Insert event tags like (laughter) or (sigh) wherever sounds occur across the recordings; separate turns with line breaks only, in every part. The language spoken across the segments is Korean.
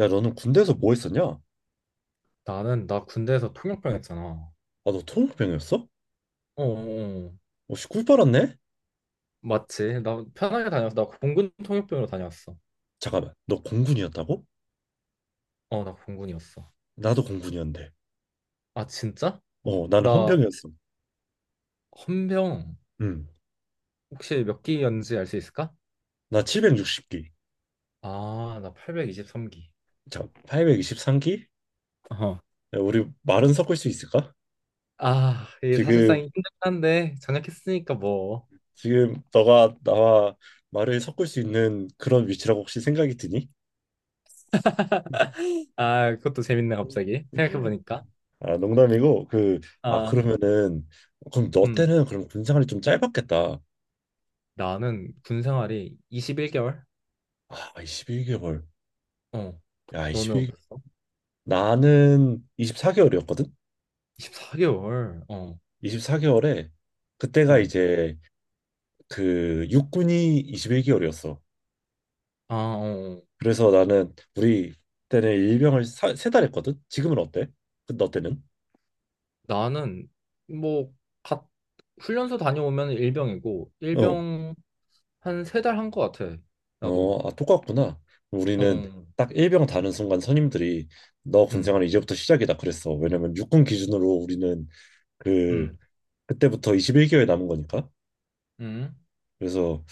야, 너는 군대에서 뭐 했었냐? 아,
나는 나 군대에서 통역병 했잖아. 어,
너 통병이었어?
어, 어.
어, 씨, 꿀 빨았네?
맞지? 나 편하게 다녔어. 나 공군 통역병으로 다녔어.
잠깐만, 너 공군이었다고?
어, 나 공군이었어.
나도 공군이었는데.
아, 진짜?
어, 나는
나
헌병이었어.
헌병.
응,
혹시 몇 기였는지 알 수 있을까?
나 760기.
아, 나 823기.
자, 823기?
어.
야, 우리 말은 섞을 수 있을까?
아, 이게 사실상
지금,
힘들긴 한데 전역했으니까 뭐.
지금 너가 나와 말을 섞을 수 있는 그런 위치라고 혹시 생각이 드니?
(laughs) 아, 그것도 재밌네 갑자기 생각해보니까.
(laughs) 아, 농담이고, 아,
아,
그러면은, 그럼 너
음,
때는 그럼 군 생활이 좀 짧았겠다.
나는 군 생활이 21개월.
아, 21개월.
어,
야,
너는 어땠어?
나는 24개월이었거든?
24개월. 어,
24개월에 그때가
어.
이제 그 육군이 21개월이었어.
아, 어.
그래서 나는 우리 때는 일병을 사, 3달 했거든? 지금은 어때? 너 때는?
나는 뭐 갓, 훈련소 다녀오면 일병이고
어,
일병 한 세 달 한 것 같아. 나도.
어, 아, 똑같구나.
어,
우리는
어.
딱 일병 다는 순간 선임들이 너
음,
군생활 이제부터 시작이다 그랬어. 왜냐면 육군 기준으로 우리는 그
음,
그때부터 21개월 남은 거니까.
음.
그래서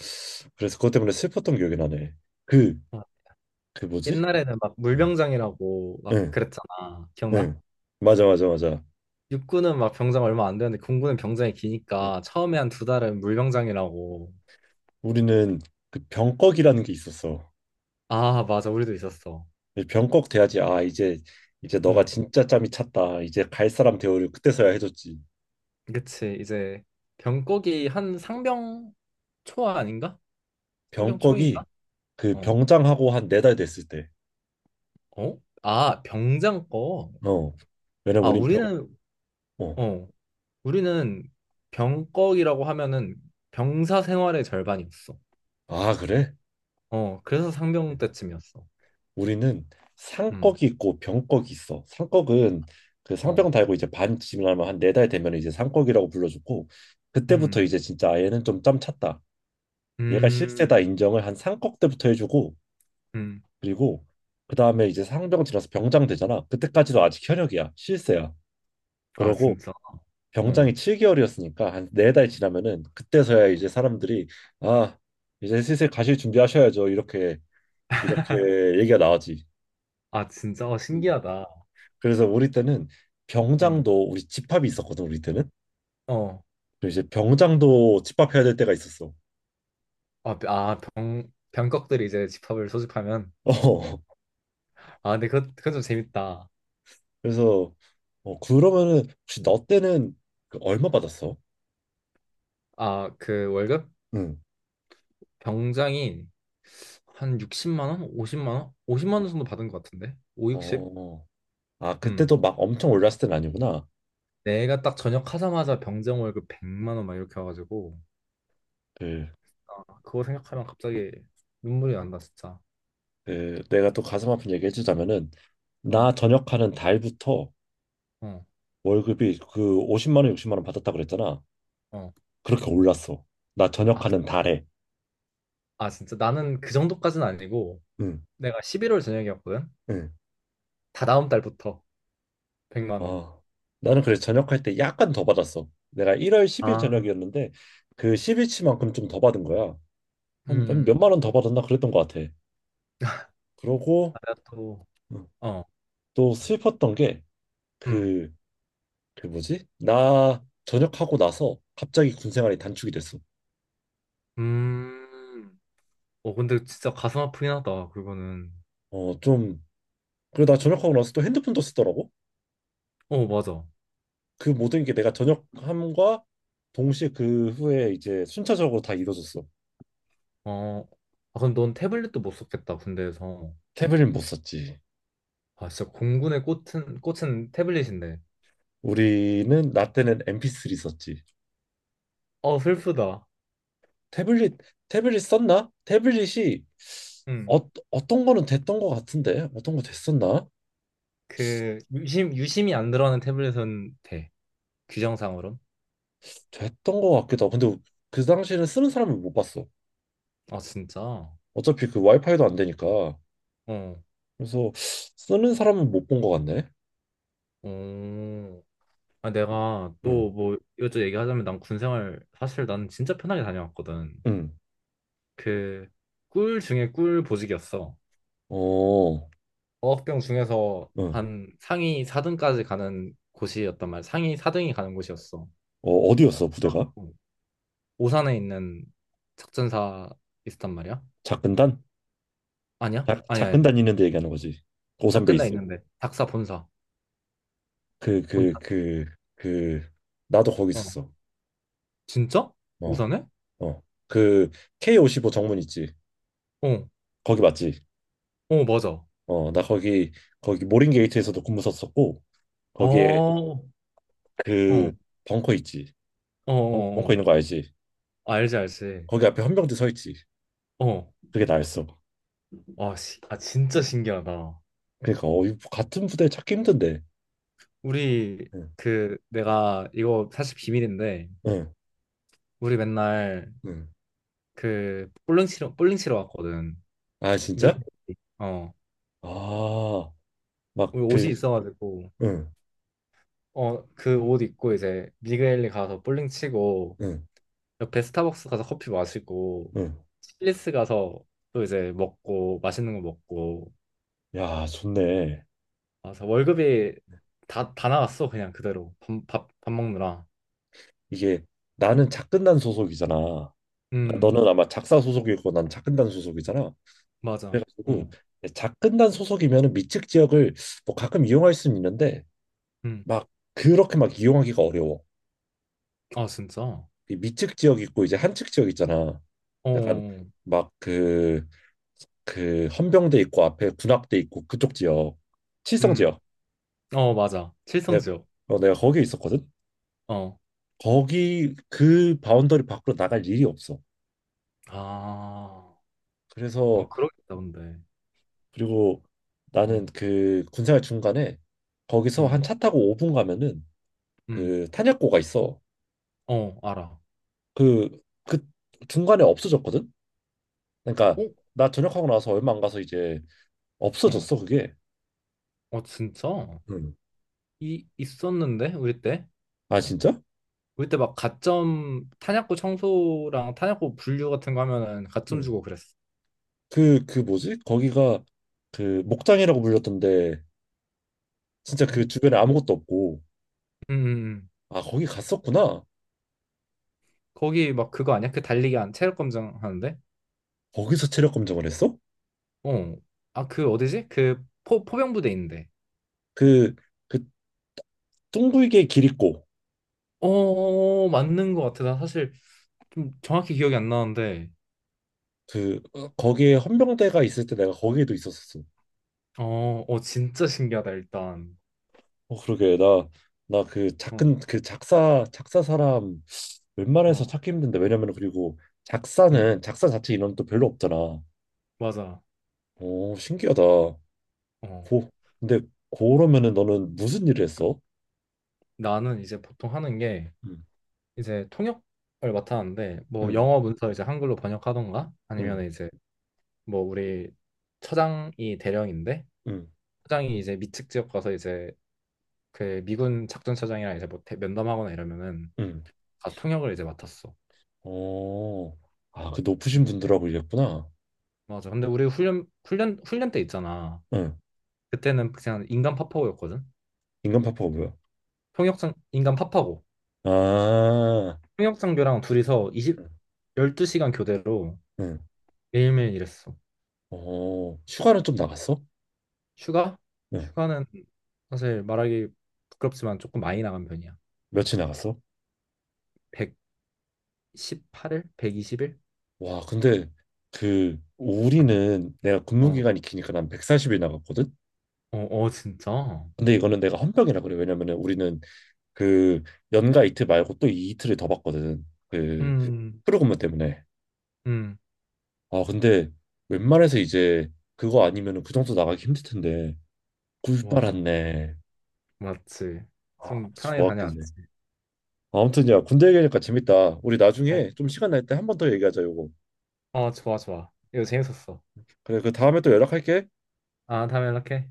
그래서 그것 때문에 슬펐던 기억이 나네. 그
아,
그 뭐지?
옛날에는 막
응.
물병장이라고 막
응.
그랬잖아.
네.
기억나?
맞아, 맞아, 맞아.
육군은 막 병장 얼마 안 되는데 공군은 병장이
응.
기니까 처음에 한 두 달은 물병장이라고.
우리는 그 병꺽이라는 게 있었어.
아, 맞아. 우리도 있었어.
이 병꺽 돼야지. 아, 이제 너가
음.
진짜 짬이 찼다. 이제 갈 사람 대우를 그때서야 해줬지.
그치. 이제 병꺽이 한 상병 초 아닌가? 상병 초인가?
병꺽이 그
어.
병장하고 한 4달 됐을 때.
어? 아, 병장 거.
어. 왜냐면
아,
우린 병. 어.
어, 우리는 병꺽이라고 하면은 병사 생활의 절반이었어.
아, 그래?
어, 그래서 상병 때쯤이었어.
우리는
음,
상꺽이 있고 병꺽이 있어. 상꺽은 그
어,
상병 달고 이제 반 지나면 한 4달 되면 이제 상꺽이라고 불러주고 그때부터
음,
이제 진짜 얘는 좀 짬 찼다. 얘가
음,
실세다 인정을 한 상꺽 때부터 해주고
음.
그리고 그 다음에 이제 상병 지나서 병장 되잖아. 그때까지도 아직 현역이야. 실세야.
아,
그러고
진짜. 어,
병장이 7개월이었으니까 한 4달 지나면은 그때서야 이제 사람들이 아, 이제 슬슬 가실 준비하셔야죠. 이렇게 이렇게 얘기가 나오지.
아, 진짜. 어,
음.
신기하다.
그래서 우리 때는
음,
병장도 우리 집합이 있었거든. 우리 때는
어,
그래서 이제 병장도 집합해야 될 때가 있었어. (laughs)
아, 아, 병꺽들이 이제 집합을 소집하면.
어.
아, 근데 그건 좀 재밌다.
그래서 그러면은 혹시 너 때는 그 얼마 받았어?
아, 그 월급?
응.
병장이 한 60만 원? 50만 원? 50만 원 정도 받은 것 같은데? 5, 60?
어, 아,
음.
그때도 막 엄청 올랐을 땐 아니구나.
내가 딱 전역하자마자 병장 월급 100만 원 막 이렇게 와가지고.
그,
아, 그거 생각하면 갑자기 눈물이 난다 진짜.
내가 또 가슴 아픈 얘기 해주자면은, 나
어,
전역하는 달부터
어,
월급이 그 50만 원, 60만 원 받았다 그랬잖아.
어.
그렇게 올랐어. 나 전역하는
아,
달에.
아, 진짜 나는 그 정도까지는 아니고
응,
내가 11월 저녁이었거든.
응.
다 다음 달부터 100만 원.
아, 나는 그래서 전역할 때 약간 더 받았어. 내가 1월 10일
아,
전역이었는데, 그 10일치만큼 좀 더 받은 거야. 한
음,
몇만 원 더 받았나 그랬던 것 같아. 그러고,
아, 내가 또,
응.
어,
또 슬펐던 게,
음,
그 그 뭐지? 나 전역하고 나서 갑자기 군 생활이 단축이 됐어.
음. 어, 근데 진짜 가슴 아프긴 하다, 그거는.
좀 그리고 나 전역하고 나서 또 핸드폰도 쓰더라고.
어, 맞아.
그 모든 게 내가 전역함과 동시에 그 후에 이제 순차적으로 다 이루어졌어.
어, 아, 그럼 넌 태블릿도 못 썼겠다, 군대에서.
태블릿 못 썼지.
아, 진짜 공군의 꽃은 태블릿인데.
우리는 나 때는 MP3 썼지.
어, 슬프다.
태블릿 태블릿 썼나? 태블릿이
응.
어, 어떤 거는 됐던 거 같은데 어떤 거 됐었나?
그 유심이 안 들어가는 태블릿은 돼. 규정상으론.
됐던 거 같기도 하고 근데 그 당시에는 쓰는 사람을 못 봤어.
아, 진짜?
어차피 그 와이파이도 안 되니까
어.
그래서 쓰는 사람은 못 본 것 같네.
어. 아, 내가
응,
또 뭐 이것저것 얘기하자면 난 군생활 사실 난 진짜 편하게 다녀왔거든.
응,
그 꿀 중에 꿀 보직이었어.
어,
어학병 중에서
응.
한 상위 4등까지 가는 곳이었단 말이야. 상위 4등이 가는 곳이었어.
어, 어디였어 부대가?
어. 오산에 있는 작전사 있었단 말이야.
작근단?
아니야?
작
아니야, 아니야.
작근단 있는데 얘기하는 거지. 고산
작근다
베이스.
있는데 작사 본사.
그, 그, 그, 그, 나도 거기
어.
있었어.
진짜?
어,
오사네?
어. 그 K55 정문 있지.
어.
거기 맞지?
어, 맞아.
어, 나 거기 모린 게이트에서도 근무 썼었고
어.
거기에
어. 어,
그 벙커 있지.
어,
벙커
어.
있는 거 알지?
알지, 알지.
거기 앞에 헌병대 서 있지.
어.
그게 나였어.
아, 아, 진짜 신기하다.
그러니까 이 같은 부대 찾기 힘든데.
우리
응.
그 내가 이거 사실 비밀인데
응.
우리 맨날
응.
그 볼링 치러 왔거든.
아, 진짜?
미국. 어.
아, 막
우리 옷이
그,
있어가지고.
응,
어, 그 옷 입고 이제 미그엘리 가서 볼링 치고
응,
옆에 스타벅스 가서 커피 마시고
응.
칠리스 가서 또 이제 먹고 맛있는 거 먹고.
야, 좋네.
아, 그래서 월급이 다 나갔어, 그냥 그대로. 밥 먹느라.
이게 나는 작근단 소속이잖아. 그러니까
음,
너는 아마 작사 소속이고 난 작근단 소속이잖아.
맞아. 어,
그래가지고 작근단 소속이면은 미측 지역을 뭐 가끔 이용할 수는 있는데
음.
막 그렇게 막 이용하기가 어려워.
아, 진짜?
이 미측 지역 있고 이제 한측 지역 있잖아. 약간
어,
막 그 헌병대 있고 앞에 군악대 있고 그쪽 지역, 칠성
음.
지역.
어, 맞아.
내가
칠성지역.
내가 거기 있었거든.
어.
거기 그 바운더리 밖으로 나갈 일이 없어.
아, 어,
그래서
그러겠다, 근데.
그리고 나는
어,
그 군생활 중간에 거기서
음,
한 차 타고 5분 가면은
음.
그 탄약고가 있어.
어, 알아.
그 중간에 없어졌거든. 그러니까
어?
나 전역하고 나서 얼마 안 가서 이제
어,
없어졌어 그게.
어, 진짜?
응.
있었는데? 우리 때?
아, 진짜?
우리 때 막 가점, 탄약고 청소랑 탄약고 분류 같은 거 하면은 가점
응.
주고 그랬어.
그 뭐지? 거기가 그 목장이라고 불렸던데 진짜 그
응?
주변에 아무것도 없고
응, 응.
아, 거기 갔었구나.
거기 막 그거 아니야? 그 달리기 안 체력 검정 하는데?
거기서 체력 검정을 했어?
어. 아, 그 어디지? 그 포병부대 있는데.
그그 둥글게 길 있고
어, 어, 어, 맞는 것 같아. 나 사실 좀 정확히 기억이 안 나는데.
거기에 헌병대가 있을 때 내가 거기에도 있었었어.
어, 어, 진짜 신기하다, 일단.
어, 그러게. 나 그
어,
작은 그 작사 작사 사람 웬만해서
어,
찾기 힘든데, 왜냐면 그리고
음,
작사는 작사 자체 인원도 별로 없잖아.
맞아.
오, 신기하다. 고
어.
근데 그러면은 너는 무슨 일을 했어?
나는 이제 보통 하는 게
응.
이제 통역을 맡았는데, 뭐 영어
응.
문서 이제 한글로 번역하던가,
응.
아니면 이제 뭐 우리 처장이 대령인데,
응.
처장이 이제 미측 지역 가서 이제 그 미군 작전차장이랑 이제 뭐 면담하거나 이러면은
응.
가서 통역을 이제 맡았어.
어, 아, 그 높으신
음,
분들하고 일했구나.
맞아. 근데 우리 훈련 때 있잖아.
응,
그때는 그냥 인간 파파고였거든.
인간 파파가 뭐야?
통역장 인간 파파고.
아,
통역 장교랑 둘이서 20
응,
12시간 교대로
응.
매일매일 일했어.
어, 휴가는 좀 나갔어?
휴가?
네.
휴가는 사실 말하기 부끄럽지만 조금 많이 나간 편이야.
며칠 나갔어?
118일? 120일?
와, 근데 그
어,
우리는 내가 근무
어,
기간이 기니까 난 140일 나갔거든.
어, 어, 진짜?
근데 이거는 내가 헌병이라 그래. 왜냐면은 우리는 그 연가 이틀 말고 또 이 이틀을 더 받거든. 그
음,
프로그램 때문에.
음,
아, 근데 웬만해서 이제 그거 아니면은 그 정도 나가기 힘들 텐데.
맞아.
꿀빨았네.
맞지.
아,
좀 편하게
좋았겠네.
다녀왔지.
아무튼 야, 군대 얘기하니까 재밌다. 우리
그래.
나중에 좀 시간 날 때 한 번 더 얘기하자, 요거.
어, 좋아, 좋아. 이거 재밌었어.
그래, 그 다음에 또 연락할게.
아, 다음에 연락해.